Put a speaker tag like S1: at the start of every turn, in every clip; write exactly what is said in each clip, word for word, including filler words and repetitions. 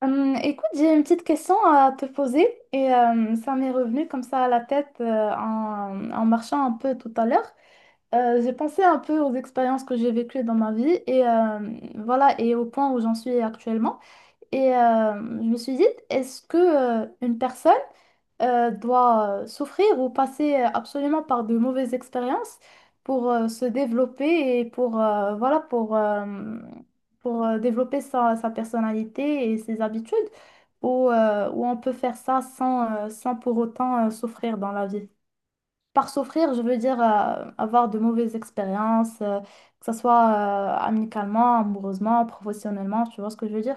S1: Hum, écoute, j'ai une petite question à te poser et euh, ça m'est revenu comme ça à la tête euh, en, en marchant un peu tout à l'heure. Euh, j'ai pensé un peu aux expériences que j'ai vécues dans ma vie et euh, voilà, et au point où j'en suis actuellement. Et euh, je me suis dit, est-ce que euh, une personne euh, doit euh, souffrir ou passer euh, absolument par de mauvaises expériences pour euh, se développer et pour euh, voilà pour euh, pour euh, développer sa, sa personnalité et ses habitudes ou euh, ou on peut faire ça sans euh, sans pour autant euh, souffrir dans la vie. Par souffrir, je veux dire euh, avoir de mauvaises expériences, euh, que ce soit euh, amicalement, amoureusement, professionnellement, tu vois ce que je veux dire?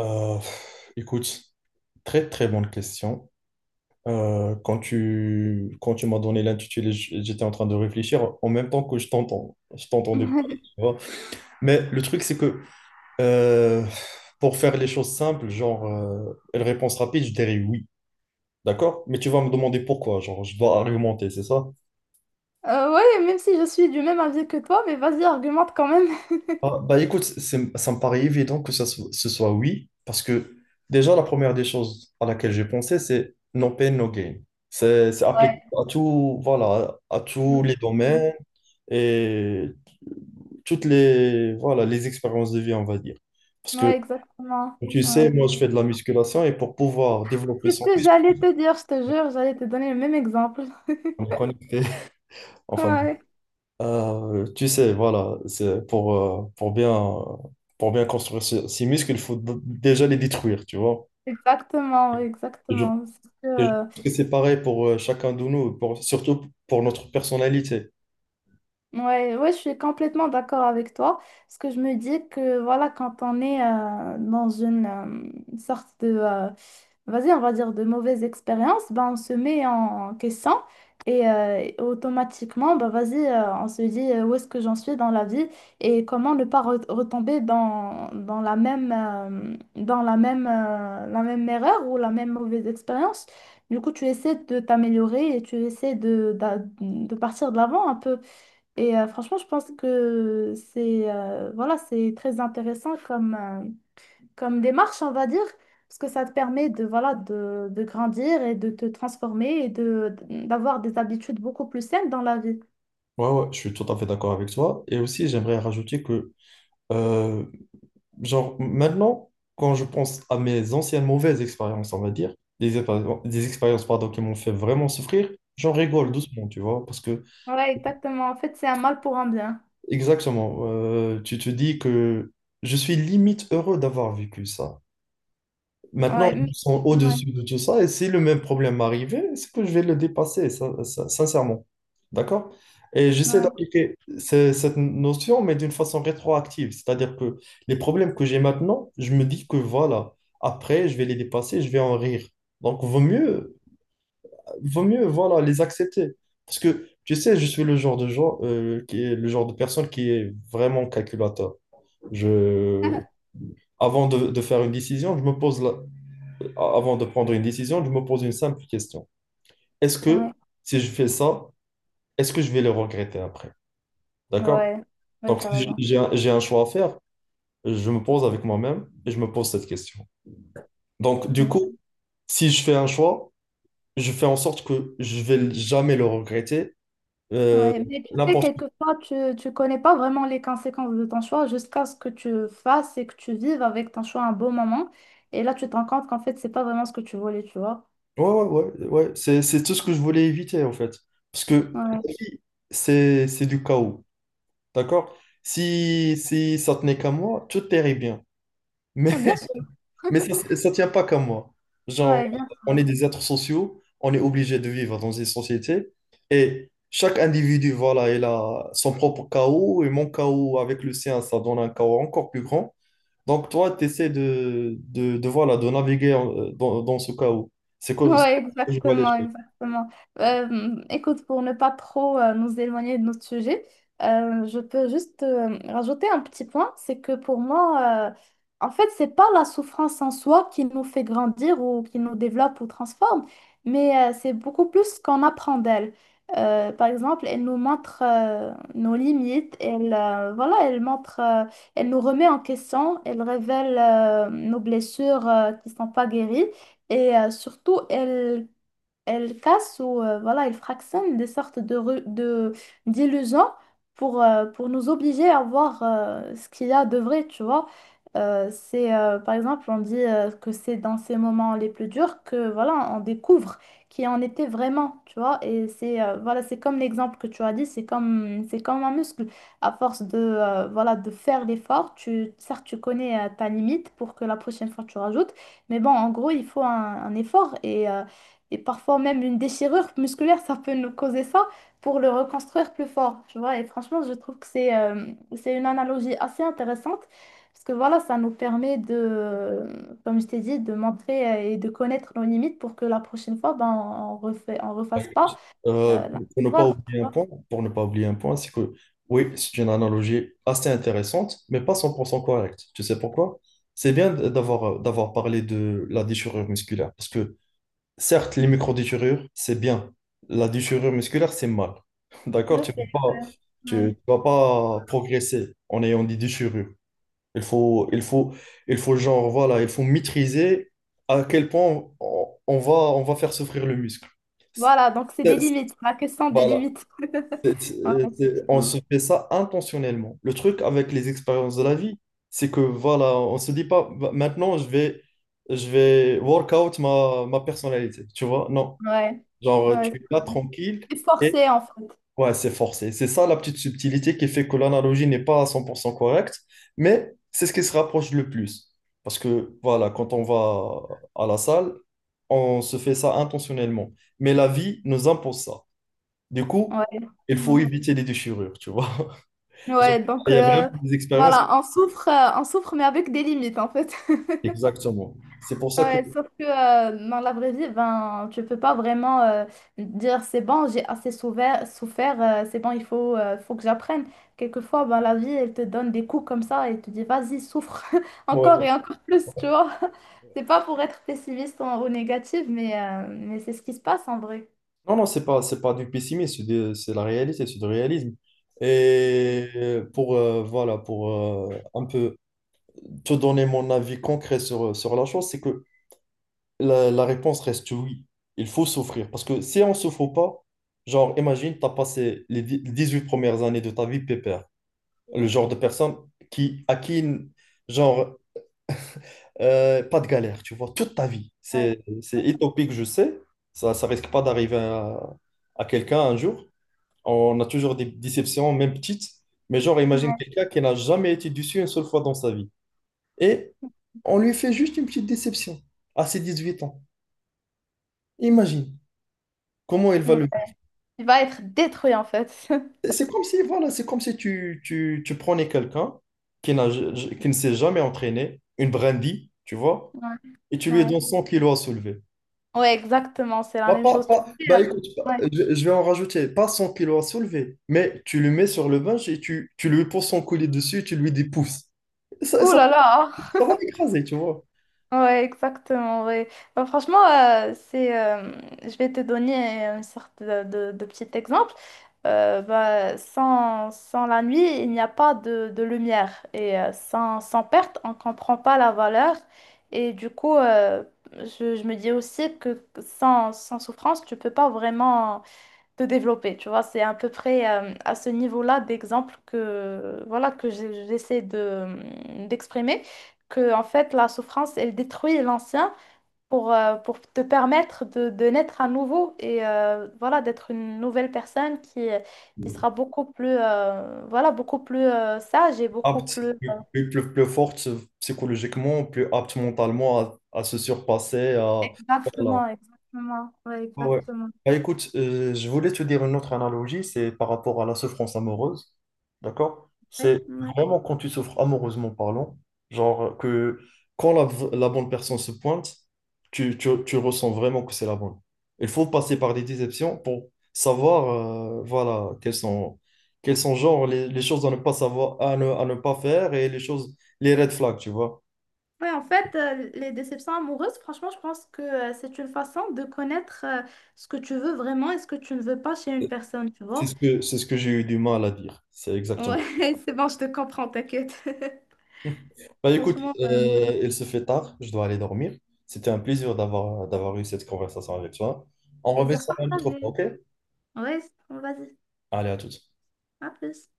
S2: Euh, pff, écoute, très très bonne question. Euh, quand tu, quand tu m'as donné l'intitulé, j- j'étais en train de réfléchir en même temps que je t'entends. Je t'entendais pas. Tu vois. Mais le truc, c'est que euh, pour faire les choses simples, genre, euh, une réponse rapide, je dirais oui. D'accord? Mais tu vas me demander pourquoi. Genre, je dois argumenter, c'est ça?
S1: Euh, ouais, même si je suis du même avis que toi, mais vas-y, argumente quand même.
S2: Ah, bah écoute, c'est- ça me paraît évident que ça so- ce soit oui, parce que déjà la première des choses à laquelle j'ai pensé, c'est no pain, no gain. C'est c'est applicable
S1: Ouais,
S2: à tout, voilà, à tous les
S1: exactement.
S2: domaines et toutes les, voilà, les expériences de vie, on va dire. Parce que
S1: Ouais, exactement.
S2: tu sais,
S1: Ouais.
S2: moi je fais de la musculation et pour pouvoir développer
S1: C'est ce
S2: son
S1: que j'allais te dire, je te jure, j'allais te donner le même exemple.
S2: corps, me connecter, enfin,
S1: Ouais,
S2: euh, tu sais, voilà, c'est pour, euh, pour bien, pour bien construire ce- ces muscles, il faut d- déjà les détruire, tu vois.
S1: exactement, ouais,
S2: Et je,
S1: exactement.
S2: et je pense que c'est pareil pour euh, chacun de nous, pour, surtout pour notre personnalité.
S1: Ouais, ouais, je suis complètement d'accord avec toi, parce que je me dis que voilà, quand on est euh, dans une euh, sorte de, euh, vas-y, on va dire de mauvaise expérience, ben, on se met en question et euh, et automatiquement, ben, vas-y, euh, on se dit euh, où est-ce que j'en suis dans la vie et comment ne pas re- retomber dans, dans la même, euh, dans la même, euh, la même erreur ou la même mauvaise expérience. Du coup, tu essaies de t'améliorer et tu essaies de, d'a- de partir de l'avant un peu. Et euh, franchement, je pense que c'est euh, voilà, c'est très intéressant comme, euh, comme démarche, on va dire, parce que ça te permet de, voilà, de, de grandir et de te transformer et de, d'avoir des habitudes beaucoup plus saines dans la vie.
S2: Ouais, ouais, je suis tout à fait d'accord avec toi. Et aussi, j'aimerais rajouter que euh, genre, maintenant, quand je pense à mes anciennes mauvaises expériences, on va dire, des, épa- des expériences, pardon, qui m'ont fait vraiment souffrir, j'en rigole doucement, tu vois, parce que,
S1: Ouais, exactement. En fait, c'est un mal pour un bien.
S2: exactement, euh, tu te dis que je suis limite heureux d'avoir vécu ça. Maintenant,
S1: Ouais,
S2: ils
S1: mais,
S2: sont
S1: ouais,
S2: au-dessus de tout ça, et si le même problème m'arrivait, c'est que je vais le dépasser, sin- sin- sincèrement. D'accord? Et j'essaie
S1: ouais,
S2: d'appliquer ce- cette notion, mais d'une façon rétroactive. C'est-à-dire que les problèmes que j'ai maintenant, je me dis que voilà, après, je vais les dépasser, je vais en rire. Donc, vaut mieux, vaut mieux, voilà, les accepter. Parce que, tu sais, je suis le genre de gens, euh, qui est le genre de personne qui est vraiment calculateur. Je, avant de, de faire une décision, je me pose là avant de prendre une décision, je me pose une simple question. Est-ce que
S1: ouais,
S2: si je fais ça, est-ce que je vais le regretter après? D'accord?
S1: ouais, ouais,
S2: Donc,
S1: tu as
S2: si j'ai
S1: raison.
S2: j'ai un, j'ai un choix à faire, je me pose avec moi-même et je me pose cette question. Donc, du coup, si je fais un choix, je fais en sorte que je vais jamais le regretter. Euh,
S1: Ouais, mais tu sais,
S2: n'importe.
S1: quelquefois, tu ne connais pas vraiment les conséquences de ton choix jusqu'à ce que tu fasses et que tu vives avec ton choix un beau moment. Et là, tu te rends compte qu'en fait, c'est pas vraiment ce que tu voulais, tu vois.
S2: Ouais, ouais, ouais, ouais. C'est, c'est tout ce que je voulais éviter, en fait. Parce que
S1: Ouais,
S2: la vie, c'est, c'est du chaos. D'accord? Si, si ça tenait qu'à moi, tout irait bien. Mais
S1: ouais, bien sûr.
S2: Mais ça, c'est- ça tient pas qu'à moi. Genre,
S1: Ouais, bien
S2: on est
S1: sûr.
S2: des êtres sociaux, on est obligé de vivre dans une société et chaque individu, voilà, il a son propre chaos et mon chaos avec le sien, ça donne un chaos encore plus grand. Donc, toi, tu essaies de, de, de, voilà, de naviguer euh, dans, dans ce chaos. C'est comme ça
S1: Ouais,
S2: que je vois les
S1: exactement,
S2: choses.
S1: exactement. Euh, écoute, pour ne pas trop euh, nous éloigner de notre sujet, euh, je peux juste euh, rajouter un petit point, c'est que pour moi, euh, en fait, c'est pas la souffrance en soi qui nous fait grandir ou qui nous développe ou transforme, mais euh, c'est beaucoup plus ce qu'on apprend d'elle. Euh, par exemple, elle nous montre euh, nos limites, elle, euh, voilà, elle montre, euh, elle nous remet en question, elle révèle euh, nos blessures euh, qui sont pas guéries. Et euh, surtout, elle elle casse ou euh, voilà, elle fractionne des sortes de, ru- de d'illusions pour, euh, pour nous obliger à voir euh, ce qu'il y a de vrai, tu vois. Euh, c'est euh, par exemple, on dit euh, que c'est dans ces moments les plus durs que voilà, on découvre qui en était vraiment, tu vois. Et c'est euh, voilà, c'est comme l'exemple que tu as dit, c'est comme c'est comme un muscle. À force de euh, voilà, de faire l'effort, tu certes tu connais euh, ta limite pour que la prochaine fois tu rajoutes, mais bon, en gros, il faut un, un effort et euh, et parfois même une déchirure musculaire, ça peut nous causer ça pour le reconstruire plus fort, tu vois. Et franchement, je trouve que c'est euh, c'est une analogie assez intéressante parce que voilà, ça nous permet de, euh, comme je t'ai dit, de montrer euh, et de connaître nos limites pour que la prochaine fois, ben, on refait, on refasse pas
S2: Euh,
S1: euh, la
S2: pour ne pas
S1: erreur, tu
S2: oublier un
S1: vois.
S2: point, pour ne pas oublier un point, c'est que oui, c'est une analogie assez intéressante, mais pas cent pour cent correcte. Tu sais pourquoi? C'est bien d- d'avoir euh, d'avoir parlé de la déchirure musculaire, parce que certes, les micro-déchirures, c'est bien. La déchirure musculaire, c'est mal.
S1: Je
S2: D'accord? Tu ne peux
S1: sais.
S2: pas, tu,
S1: Ouais.
S2: tu vas pas progresser en ayant des déchirures. Il faut, il faut, il faut genre, voilà, il faut maîtriser à quel point on, on va, on va faire souffrir le muscle. C'est-
S1: Voilà, donc c'est des
S2: c'est-
S1: limites, la question des
S2: Voilà.
S1: limites.
S2: C'est-
S1: Ouais,
S2: c'est- c'est- On
S1: effectivement.
S2: se fait ça intentionnellement. Le truc avec les expériences de la vie, c'est que voilà, on se dit pas Va- maintenant je vais je vais work out ma, ma personnalité, tu vois? Non.
S1: Ouais.
S2: Genre tu
S1: Ouais,
S2: es là tranquille
S1: c'est
S2: et
S1: forcé en fait.
S2: ouais, c'est forcé. C'est ça la petite subtilité qui fait que l'analogie n'est pas à cent pour cent correcte, mais c'est ce qui se rapproche le plus. Parce que voilà, quand on va à la salle, on se fait ça intentionnellement. Mais la vie nous impose ça. Du coup, il faut
S1: Ouais.
S2: éviter les déchirures, tu vois. Genre,
S1: Ouais, donc
S2: il y a vraiment
S1: euh,
S2: des expériences.
S1: voilà, on souffre, euh, on souffre, mais avec des limites en fait.
S2: Exactement. C'est pour ça que...
S1: Ouais, sauf que euh, dans la vraie vie, ben, tu peux pas vraiment euh, dire c'est bon, j'ai assez souver- souffert, euh, c'est bon, il faut, euh, faut que j'apprenne. Quelquefois, ben, la vie, elle te donne des coups comme ça et te dit vas-y, souffre encore
S2: ouais.
S1: et encore plus, tu vois. C'est pas pour être pessimiste ou, ou négative, mais, euh, mais c'est ce qui se passe en vrai.
S2: Non, non, c'est pas, c'est pas du pessimisme, c'est de- c'est la réalité, c'est du réalisme. Et pour, euh, voilà, pour euh, un peu te donner mon avis concret sur, sur la chose, c'est que la, la réponse reste oui. Il faut souffrir. Parce que si on ne souffre pas, genre, imagine, tu as passé les dix- les dix-huit premières années de ta vie pépère. Le genre de personne qui, à qui, genre, Euh, pas de galère, tu vois, toute ta vie.
S1: Ouais.
S2: C'est, c'est utopique, je sais. Ça, ça risque pas d'arriver à, à quelqu'un un jour. On a toujours des déceptions, même petites. Mais genre, imagine
S1: Ouais.
S2: quelqu'un qui n'a jamais été déçu une seule fois dans sa vie. Et on lui fait juste une petite déception à ses dix-huit ans. Imagine comment il va
S1: Ouais.
S2: le vivre.
S1: Tu vas être détruit en fait.
S2: Et c'est comme si, voilà, c'est comme si tu, tu, tu prenais quelqu'un qui n'a, qui ne s'est jamais entraîné, une brindille, tu vois,
S1: Ouais.
S2: et tu lui
S1: Ouais.
S2: donnes cent kilos à soulever.
S1: Ouais, exactement, c'est la
S2: Bah,
S1: même
S2: pas-
S1: chose. Tu
S2: pas-
S1: sais, euh,
S2: bah, écoute, pas-
S1: ouais.
S2: je, je vais en rajouter, pas cent kilos à soulever, mais tu le mets sur le bench et tu, tu lui poses son collier dessus et tu lui dis pousse. Ça,
S1: Ouh
S2: ça,
S1: là là!
S2: ça va l'écraser, tu vois.
S1: Ouais, exactement, ouais. Bah, franchement, euh, c'est, euh, je vais te donner une sorte de, de- de petit exemple. Euh, bah, sans, sans la nuit, il n'y a pas de, de lumière. Et euh, sans, sans perte, on ne comprend pas la valeur. Et du coup, euh, je, je me dis aussi que sans, sans souffrance, tu peux pas vraiment... de développer, tu vois. C'est à peu près euh, à ce niveau-là d'exemple que, voilà, que j'ai- j'essaie de, euh, d'exprimer, que en fait la souffrance, elle détruit l'ancien pour, euh, pour te permettre de, de naître à nouveau et euh, voilà, d'être une nouvelle personne qui, euh, qui sera beaucoup plus, euh, voilà, beaucoup plus euh, sage et beaucoup
S2: Apte,
S1: plus... euh,
S2: plus, plus, plus- plus forte psychologiquement, plus apte mentalement à, à se surpasser, à, voilà,
S1: Exactement, exactement, ouais,
S2: ouais. Ouais.
S1: exactement.
S2: Bah, écoute, euh, je voulais te dire une autre analogie, c'est par rapport à la souffrance amoureuse, d'accord? C'est
S1: Ouais.
S2: vraiment quand tu souffres amoureusement parlant, genre que quand la, v- la bonne personne se pointe, tu, tu- tu ressens vraiment que c'est la bonne. Il faut passer par des déceptions pour savoir, euh, voilà, quelles sont, quelles sont genre les, les choses à ne pas savoir, à ne, à ne pas faire et les choses, les red flags, tu vois?
S1: Ouais, en fait, euh, les déceptions amoureuses, franchement, je pense que euh, c'est une façon de connaître euh, ce que tu veux vraiment et ce que tu ne veux pas chez une personne, tu
S2: C'est
S1: vois.
S2: ce que, c'est ce que j'ai eu du mal à dire. C'est exactement.
S1: Ouais, c'est bon, je te comprends, t'inquiète.
S2: Bah écoute,
S1: Franchement, euh, ouais.
S2: euh, il se fait tard, je dois aller dormir. C'était un plaisir d'avoir d'avoir eu cette conversation avec toi. On remet
S1: Plaisir
S2: ça une autre
S1: partagé.
S2: fois, ok?
S1: Ouais, vas-y,
S2: Allez, à toutes.
S1: à plus.